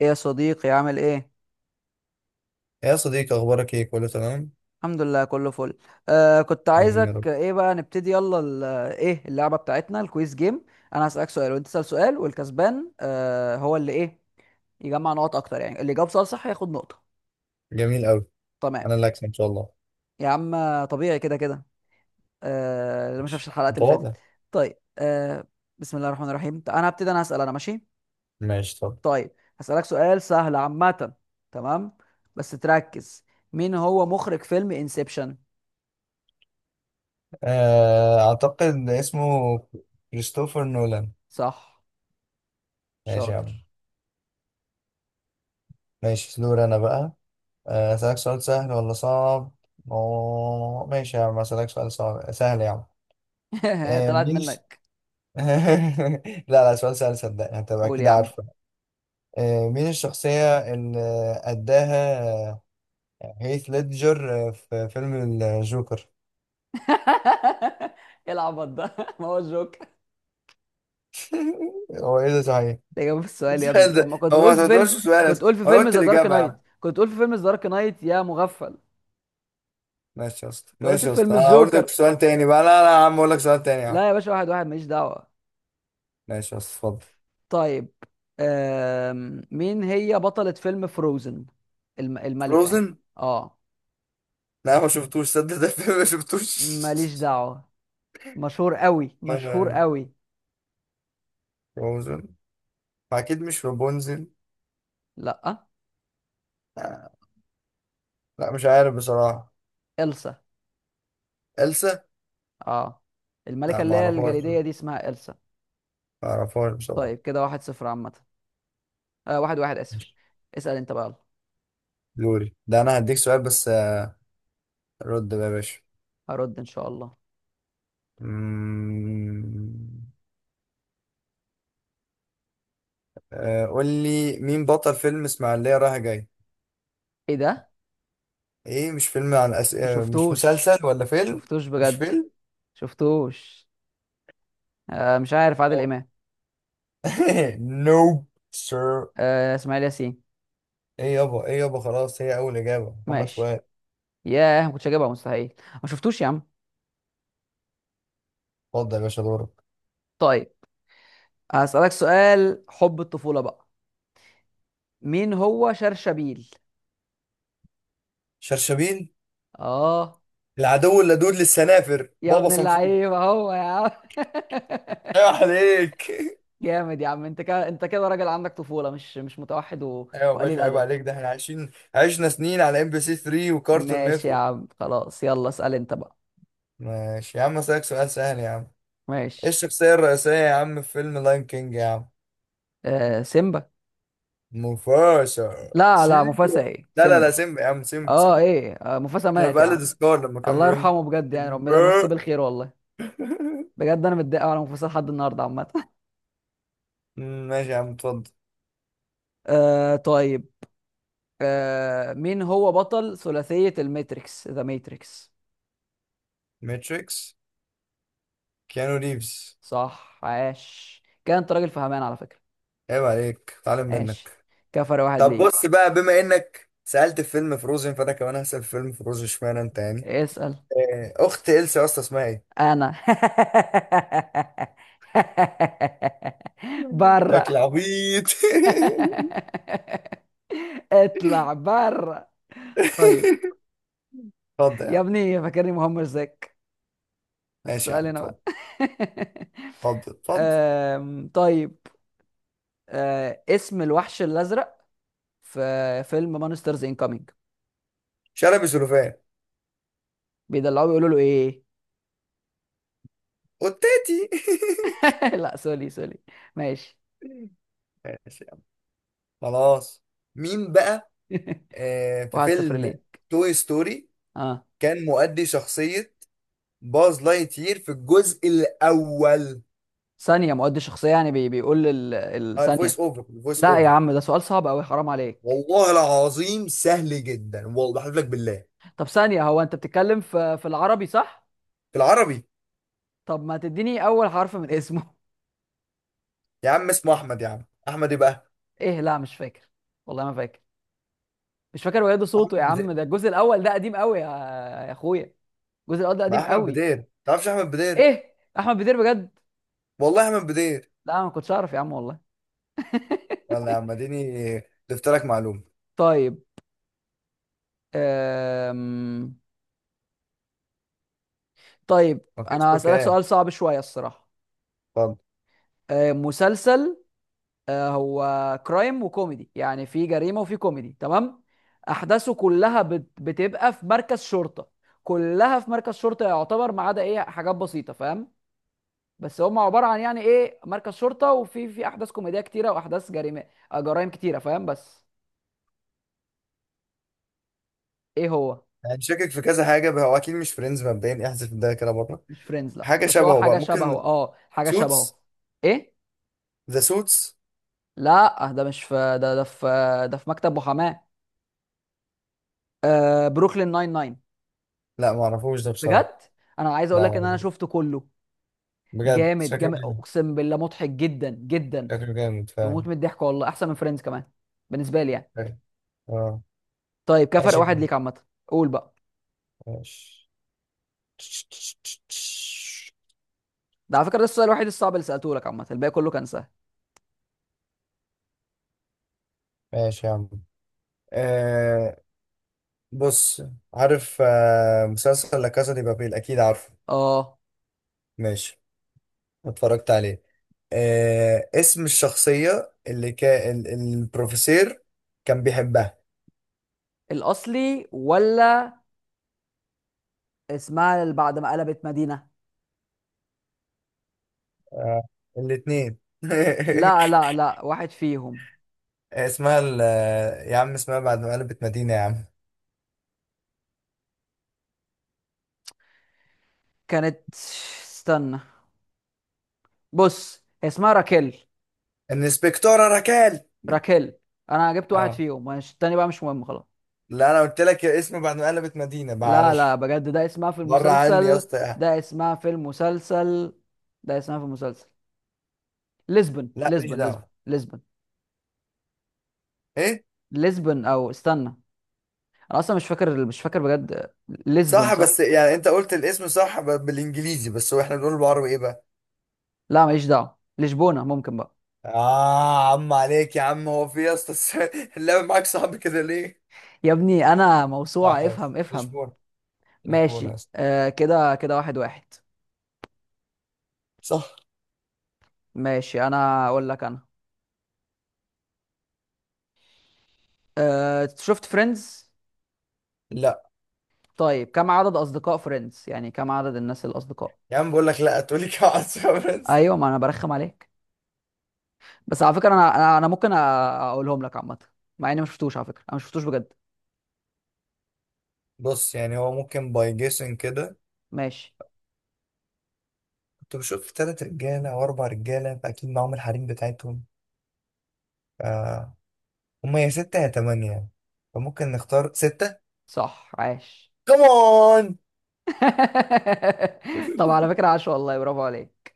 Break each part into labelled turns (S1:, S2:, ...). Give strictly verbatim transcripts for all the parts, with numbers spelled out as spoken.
S1: ايه يا صديقي، عامل ايه؟
S2: يا صديقي اخبارك ايه؟ كله تمام.
S1: الحمد لله، كله فل. آه كنت
S2: جميل يا
S1: عايزك
S2: رب.
S1: ايه بقى، نبتدي يلا ال- ايه اللعبه بتاعتنا؟ الكويز جيم. انا هسألك سؤال وانت تسأل سؤال، والكسبان آه هو اللي ايه، يجمع نقط اكتر، يعني اللي جاوب سؤال صح ياخد نقطه.
S2: جميل قوي.
S1: تمام
S2: انا اللي اكسب ان شاء الله.
S1: يا عم. طبيعي كده كده. آه اللي ما شافش
S2: ماشي
S1: الحلقات اللي
S2: متواضع.
S1: فاتت. طيب. آه بسم الله الرحمن الرحيم، انا هبتدي، انا هسأل، انا ماشي.
S2: ماشي طب.
S1: طيب، هسألك سؤال سهل عامه. تمام، بس تركز. مين هو مخرج فيلم انسبشن؟
S2: آه، اعتقد اسمه كريستوفر نولان.
S1: صح،
S2: ماشي يا
S1: شاطر.
S2: عم. ماشي دور انا بقى. آه، اسالك سؤال سهل ولا صعب؟ أوه، ماشي يا عم اسالك سؤال صعب سهل يا عم. آه،
S1: طلعت
S2: مين الش-
S1: منك.
S2: لا لا، سؤال سهل صدقني هتبقى
S1: قول
S2: اكيد
S1: يا عم.
S2: عارفه. آه، مين الشخصية اللي أداها آه، هيث ليدجر آه، في فيلم الجوكر؟
S1: ايه العبط ده؟ ما هو الجوك،
S2: هو ايه ده صحيح؟
S1: الاجابه في السؤال يا ابني. طب ما
S2: ده
S1: كنت
S2: هو ما
S1: تقول في
S2: تعتبرش
S1: فيلم،
S2: سؤال
S1: كنت
S2: أصلاً.
S1: تقول في
S2: وانا
S1: فيلم
S2: قلت
S1: ذا دارك
S2: الاجابه يا
S1: نايت،
S2: عم.
S1: كنت تقول في فيلم ذا دارك نايت يا مغفل.
S2: ماشي يا اسطى
S1: انت قلت
S2: ماشي
S1: في
S2: يا اسطى،
S1: فيلم
S2: انا هقول لك
S1: الجوكر.
S2: سؤال تاني بقى، لا لا يا عم، اقول لك سؤال تاني يا عم.
S1: لا يا باشا، واحد واحد، ماليش دعوه.
S2: ماشي يا اسطى اتفضل.
S1: طيب، أم... مين هي بطلة فيلم فروزن؟ الم... الملكة يعني.
S2: فروزن.
S1: اه،
S2: لا ما شفتوش، صدق ده الفيلم ما شفتوش.
S1: ماليش دعوة، مشهور قوي
S2: لا
S1: مشهور
S2: لا.
S1: قوي.
S2: فروزن. اكيد مش رابونزل.
S1: لا.
S2: آه، لا مش عارف بصراحه.
S1: إلسا.
S2: إلسا.
S1: اه، الملكة
S2: لا ما
S1: اللي هي
S2: اعرفهاش،
S1: الجليدية دي اسمها إلسا.
S2: ما اعرفهاش بصراحه.
S1: طيب كده واحد صفر عامة. آه واحد واحد، آسف. اسأل انت بقى يلا.
S2: دوري ده، انا هديك سؤال بس آه، رد بقى يا باشا.
S1: هرد ان شاء الله.
S2: مم. آه، قول لي مين بطل فيلم اسماعيلية رايح جاي؟
S1: ايه ده؟
S2: ايه؟ مش فيلم عن أس...
S1: ما
S2: آه، مش
S1: شفتوش،
S2: مسلسل ولا فيلم؟
S1: شفتوش
S2: مش
S1: بجد،
S2: فيلم.
S1: شفتوش. آه مش عارف، عادل
S2: اه.
S1: امام.
S2: نوب. سير.
S1: آه اسماعيل ياسين.
S2: ايه يابا ايه يابا، خلاص هي اول اجابة، محمد
S1: ماشي،
S2: فؤاد.
S1: ياه، ما كنتش هجيبها، مستحيل. ما شفتوش يا عم.
S2: اتفضل يا باشا دورك.
S1: طيب، هسألك سؤال حب الطفولة بقى. مين هو شرشبيل؟
S2: شرشبيل؟
S1: اه.
S2: العدو اللدود للسنافر،
S1: يا
S2: بابا
S1: ابن
S2: صنفور.
S1: اللعيبة هو يا عم.
S2: ايوه عليك ايوه.
S1: جامد يا عم، انت كده انت كده راجل عندك طفولة، مش مش متوحد و...
S2: يا
S1: وقليل
S2: باشا عيب
S1: ادب.
S2: عليك، ده احنا عايشين عشنا سنين على ام بي سي ثري وكارتون
S1: ماشي يا
S2: نتورك.
S1: عم، خلاص، يلا اسأل انت بقى.
S2: ماشي يا عم اسالك سؤال سهل يا عم. ايه
S1: ماشي.
S2: الشخصية الرئيسية يا عم في فيلم لاين كينج يا عم؟
S1: آه سيمبا.
S2: موفاشا
S1: لا لا،
S2: سيمبا.
S1: مفاسا، ايه
S2: لا لا لا
S1: سيمبا.
S2: سيمبا يا عم، سيمبا
S1: اه،
S2: سيمبا.
S1: ايه، آه مفاسا
S2: انا
S1: مات يا عم.
S2: بقلد سكار لما كان
S1: الله
S2: بيقول
S1: يرحمه بجد، يعني
S2: سيمبا.
S1: ربنا يمسيه بالخير والله. بجد انا متضايق أوي على مفاسا لحد النهارده عامة.
S2: أمم، ماشي يا عم اتفضل.
S1: آه طيب. آه مين هو بطل ثلاثية الماتريكس، ذا ماتريكس؟
S2: ماتريكس. كيانو ريفز.
S1: صح، عاش، كان انت راجل فهمان على فكرة.
S2: عيب عليك، اتعلم
S1: ماشي،
S2: منك.
S1: كفر واحد
S2: طب بص
S1: ليك.
S2: بقى، بما انك سألت في فيلم فروزن فانا كمان هسأل في فيلم فروزن، اشمعنى انت يعني.
S1: اسأل
S2: آه، اخت إلسا يا اسطى اسمها ايه؟
S1: انا. بره.
S2: شكل عبيط.
S1: اطلع بره. طيب،
S2: اتفضل يا عم.
S1: يا ابني فاكرني مهمش زيك؟
S2: ماشي يا
S1: السؤال
S2: عم
S1: هنا
S2: اتفضل
S1: بقى.
S2: اتفضل اتفضل.
S1: أم، طيب، أه، اسم الوحش الازرق في فيلم مانسترز انكامينج،
S2: شلبي سلوفان.
S1: بيدلعوه بيقولوا له ايه؟
S2: وتاتي.
S1: لا، سوري سوري، ماشي.
S2: ماشي يا عم. خلاص. مين بقى آه في
S1: واحد صفر
S2: فيلم
S1: ليه.
S2: توي ستوري
S1: اه،
S2: كان مؤدي شخصية باز لايتير في الجزء الأول؟
S1: ثانيه، مؤدي شخصيه يعني، بي بيقول ال-
S2: آه الفويس
S1: الثانيه
S2: أوفر الفويس
S1: لا يا
S2: أوفر
S1: عم، ده سؤال صعب قوي، حرام عليك.
S2: والله العظيم سهل جدا، والله بحلف لك بالله.
S1: طب ثانيه، هو انت بتتكلم في في العربي؟ صح.
S2: في العربي.
S1: طب ما تديني اول حرف من اسمه.
S2: يا عم اسمه أحمد، يا عم أحمد إيه بقى؟
S1: ايه، لا مش فاكر والله، ما فاكر. مش فاكر، وياده
S2: أحمد
S1: صوته يا عم،
S2: بدير.
S1: ده الجزء الاول ده قديم قوي يا، يا اخويا. الجزء الاول ده
S2: ما
S1: قديم
S2: أحمد
S1: قوي.
S2: بدير، تعرفش أحمد بدير؟
S1: ايه، احمد بدير، بجد؟
S2: والله أحمد بدير.
S1: لا ما كنتش اعرف يا عم والله.
S2: يلا يا عم اديني، ضفت لك معلومة.
S1: طيب، أم... طيب،
S2: ما فيش
S1: انا هسألك
S2: كلام.
S1: سؤال صعب شوية الصراحة.
S2: اتفضل.
S1: أم، مسلسل، آه، هو كرايم وكوميدي، يعني في جريمه وفي كوميدي، تمام، احداثه كلها بت- بتبقى في مركز شرطه، كلها في مركز شرطه يعتبر، ما عدا ايه، حاجات بسيطه، فاهم؟ بس هم عباره عن يعني ايه، مركز شرطه وفي في احداث كوميديه كتيره واحداث جريمه، آه، جرائم كتيره، فاهم؟ بس ايه هو؟
S2: يعني شاكك في كذا حاجة بقى، هو أكيد مش فريندز مبدئيا، احذف ده كده بره.
S1: مش فريندز، لا،
S2: حاجة
S1: بس هو
S2: شبهه بقى
S1: حاجه شبهه،
S2: ممكن.
S1: اه حاجه
S2: سوتس.
S1: شبهه. ايه،
S2: ذا سوتس.
S1: لا ده مش في ده، ده في ده في مكتب محاماه. آه، بروكلين ناين ناين.
S2: لا ما اعرفوش ده بصراحة.
S1: بجد، انا عايز اقول
S2: لا
S1: لك ان انا
S2: معرفوش.
S1: شفته كله.
S2: بجد
S1: جامد
S2: شكله
S1: جامد،
S2: جامد.
S1: اقسم بالله مضحك جدا جدا،
S2: شكله جامد فعلا.
S1: تموت من الضحك والله، احسن من فريندز كمان بالنسبه لي يعني.
S2: شكله- اه.
S1: طيب كفرق
S2: ماشي يا
S1: واحد
S2: عم.
S1: ليك عامه. قول بقى.
S2: ماشي.
S1: ده على فكره ده السؤال الوحيد الصعب اللي سالته لك عامه، الباقي كله كان سهل.
S2: ماشي يا عم. آه بص. عارف آه مسلسل لا كاسا دي بابيل أكيد؟ عارفه.
S1: اه
S2: ماشي. اتفرجت عليه. آه اسم الشخصية اللي كان ال- البروفيسور كان بيحبها.
S1: الاصلي ولا؟ اسمها اللي بعد ما قلبت مدينه؟
S2: آه الاتنين.
S1: لا لا لا، واحد فيهم.
S2: اسمها ال- يا عم اسمها بعد ما قلبت مدينة يا عم.
S1: كانت، استنى، بص هي اسمها راكيل،
S2: الانسبكتورة ركال.
S1: راكيل. انا جبت واحد
S2: اه.
S1: فيهم، مش التاني بقى، مش مهم، خلاص.
S2: لا انا قلت لك يا اسم بعد ما قلبت مدينة،
S1: لا لا
S2: معلش.
S1: بجد ده اسمها في
S2: بره عني يا
S1: المسلسل،
S2: اسطى.
S1: ده اسمها في المسلسل، ده اسمها في المسلسل، لشبن
S2: لا ماليش
S1: لشبن لشبن.
S2: دعوة.
S1: لشبن.
S2: ايه.
S1: لشبن او استنى، انا اصلا مش فاكر، مش فاكر بجد. لشبن
S2: صح بس
S1: صح.
S2: يعني انت قلت الاسم صح ب- بالانجليزي، بس هو احنا بنقول بالعربي ايه بقى.
S1: لا ماليش دعوه، لشبونه ممكن بقى.
S2: اه عم عليك يا عم، هو في يا اسطى الس- اللعب معاك صعب كده ليه؟
S1: يا ابني انا
S2: لا
S1: موسوعه،
S2: حاضر
S1: افهم افهم.
S2: لشبونة. لشبونة
S1: ماشي.
S2: أصلا.
S1: آه كده كده واحد واحد.
S2: صح.
S1: ماشي، انا اقول لك انا. آه شفت فريندز؟
S2: لا
S1: طيب، كم عدد اصدقاء فريندز، يعني كم عدد الناس الاصدقاء.
S2: يا عم، بقول لك لا تقولي كعس يا برنس.
S1: ايوه، ما انا برخم عليك. بس على فكره انا انا أنا ممكن أ- اقولهم لك عامه، مع اني ما شفتوش على فكره، انا ما شفتوش بجد.
S2: بص يعني هو ممكن باي جيسن كده،
S1: ماشي.
S2: كنت بشوف تلات رجالة أو أربع رجالة فأكيد معاهم الحريم بتاعتهم. آه. هما يا ستة يا تمانية يعني. فممكن نختار ستة
S1: صح، عاش.
S2: كمان.
S1: طب على فكره، عاش والله، برافو عليك.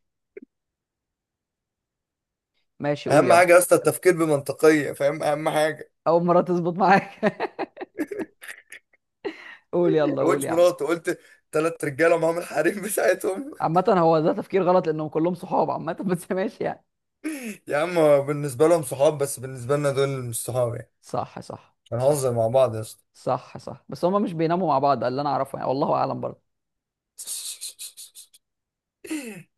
S1: ماشي، قول
S2: أهم
S1: يلا.
S2: حاجة يا اسطى التفكير بمنطقية، فاهم؟ أهم حاجة.
S1: اول مره تظبط معاك. قول يلا، قول
S2: قلتش
S1: يا عم.
S2: مراته قلت؟ تلات رجالة معاهم الحريم بتاعتهم.
S1: عامه هو ده تفكير غلط لانهم كلهم صحاب عامه. بس ماشي يعني.
S2: يا عم بالنسبة لهم صحاب، بس بالنسبة لنا دول مش صحاب يعني،
S1: صح صح صح
S2: هنهزر مع بعض يا اسطى.
S1: صح صح. بس هما مش بيناموا مع بعض ده اللي انا اعرفه، يعني والله اعلم برضه.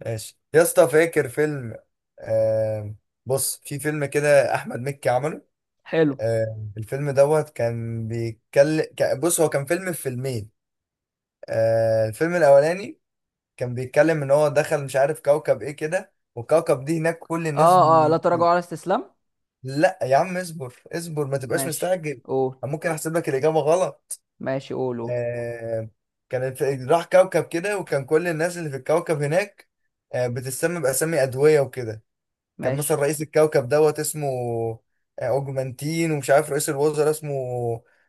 S2: ماشي يا اسطى فاكر فيلم آه بص، في فيلم كده احمد مكي عمله.
S1: حلو.
S2: آه الفيلم دوت كان بيتكلم، بص هو كان فيلم في فيلمين. آه الفيلم الاولاني كان بيتكلم ان هو دخل مش عارف كوكب ايه كده، والكوكب دي هناك كل الناس
S1: اه اه،
S2: م...
S1: لا تراجعوا على استسلام.
S2: لا يا عم اصبر اصبر ما تبقاش
S1: ماشي،
S2: مستعجل.
S1: قول.
S2: أنا ممكن احسب لك الاجابه غلط.
S1: ماشي، قول قول.
S2: آه، كانت راح كوكب كده، وكان كل الناس اللي في الكوكب هناك آه، بتسمى بأسامي أدوية وكده. كان مثلا
S1: ماشي.
S2: رئيس الكوكب دوت اسمه آه، أوجمانتين، ومش عارف رئيس الوزراء اسمه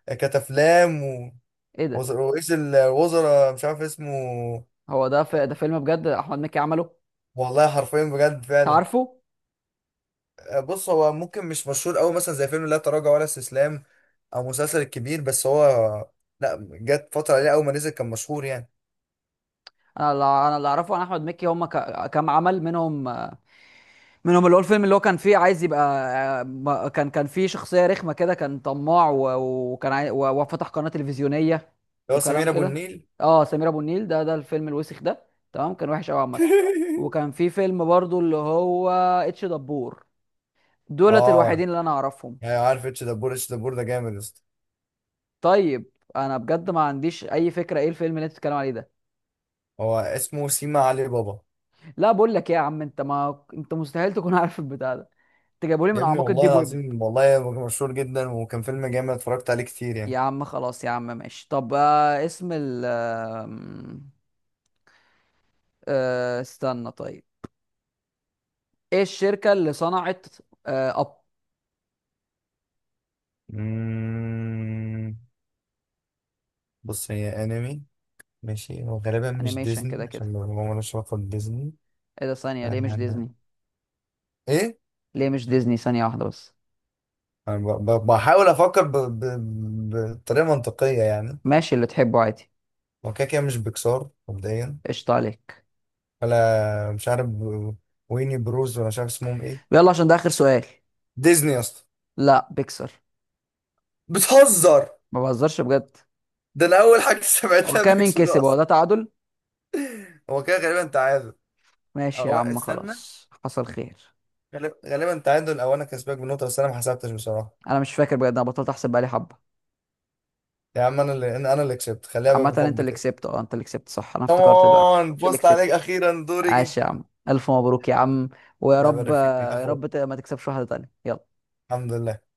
S2: آه، كتافلام و-
S1: ايه ده؟
S2: وز- رئيس الوزراء مش عارف اسمه.
S1: هو ده، في ده، فيلم بجد احمد مكي عمله؟
S2: والله حرفيا بجد فعلا.
S1: تعرفه؟
S2: آه، بص هو ممكن مش مشهور أوي مثلا زي فيلم لا تراجع ولا استسلام، أو مسلسل الكبير، بس هو لا، جت فترة عليه أول ما نزل كان مشهور يعني.
S1: انا اللي انا اللي اعرفه عن احمد مكي هم ك- كام عمل، منهم منهم اللي هو الفيلم اللي هو كان فيه عايز يبقى، ما- كان كان فيه شخصيه رخمه كده، كان طماع و- وكان عاي... و- وفتح قناه تلفزيونيه
S2: اللي هو
S1: وكلام
S2: سمير أبو
S1: كده.
S2: النيل.
S1: اه سمير ابو النيل، ده ده الفيلم الوسخ ده، تمام. كان وحش قوي عامه. وكان في فيلم برضو اللي هو اتش دبور، دولت
S2: اه.
S1: الوحيدين اللي انا اعرفهم.
S2: يعني عارف اتش دبور، اتش دبور ده جامد يا اسطى.
S1: طيب انا بجد ما عنديش اي فكره ايه الفيلم اللي انت بتتكلم عليه ده.
S2: هو اسمه سيما علي بابا.
S1: لا بقول لك ايه يا عم، انت، ما انت مستحيل تكون عارف البتاع ده. انت جايبهولي
S2: يا
S1: من
S2: ابني
S1: اعماق
S2: والله
S1: الديب ويب.
S2: العظيم، والله هو كان مشهور جدا وكان فيلم جامد اتفرجت عليه كتير
S1: يا
S2: يعني.
S1: عم خلاص يا عم، ماشي. طب، آه اسم ال آم، آه استنى. طيب، ايه الشركة اللي صنعت، آه اب
S2: مم، بص هي انمي. ماشي، هو غالبا مش
S1: انيميشن
S2: ديزني
S1: كده كده.
S2: عشان ما ما لهاش علاقه بديزني.
S1: ايه ده؟ ثانية، ليه مش ديزني؟
S2: أنا- ايه.
S1: ليه مش ديزني؟ ثانية واحدة بس.
S2: انا ب- ب- بحاول افكر ب- ب- بطريقه منطقيه يعني.
S1: ماشي اللي تحبه عادي.
S2: هو كده كده مش بيكسار مبدئيا.
S1: قشطة عليك.
S2: ولا مش عارف. ويني بروز، ولا مش عارف اسمهم ايه.
S1: يلا عشان ده اخر سؤال.
S2: ديزني يا اسطى.
S1: لا بيكسر.
S2: بتهزر.
S1: ما بهزرش بجد.
S2: ده انا اول حاجه
S1: هو
S2: سمعتها
S1: كام؟ مين
S2: بيكسر
S1: كسب؟ هو
S2: اصلا.
S1: ده تعادل.
S2: هو كده غالبا تعادل.
S1: ماشي يا
S2: او
S1: عم
S2: استنى،
S1: خلاص، حصل خير.
S2: غالب- غالبا تعادل او انا كسبك بنقطه، بس انا ما حسبتش بصراحه.
S1: انا مش فاكر بجد، انا بطلت احسب بقالي حبة.
S2: يا عم انا اللي انا أنا اللي كسبت، خليها بقى
S1: عامة انت
S2: بالحب
S1: اللي
S2: كده.
S1: كسبت، اه انت اللي كسبت، صح، انا افتكرت دلوقتي
S2: كمان
S1: انت اللي
S2: بوست عليك،
S1: كسبت.
S2: اخيرا دوري جه.
S1: عاش يا عم، الف مبروك يا عم. ويا
S2: الله
S1: رب
S2: يبارك فيك يا
S1: يا
S2: اخو.
S1: رب ت- ما تكسبش واحدة تانية، يلا.
S2: الحمد لله.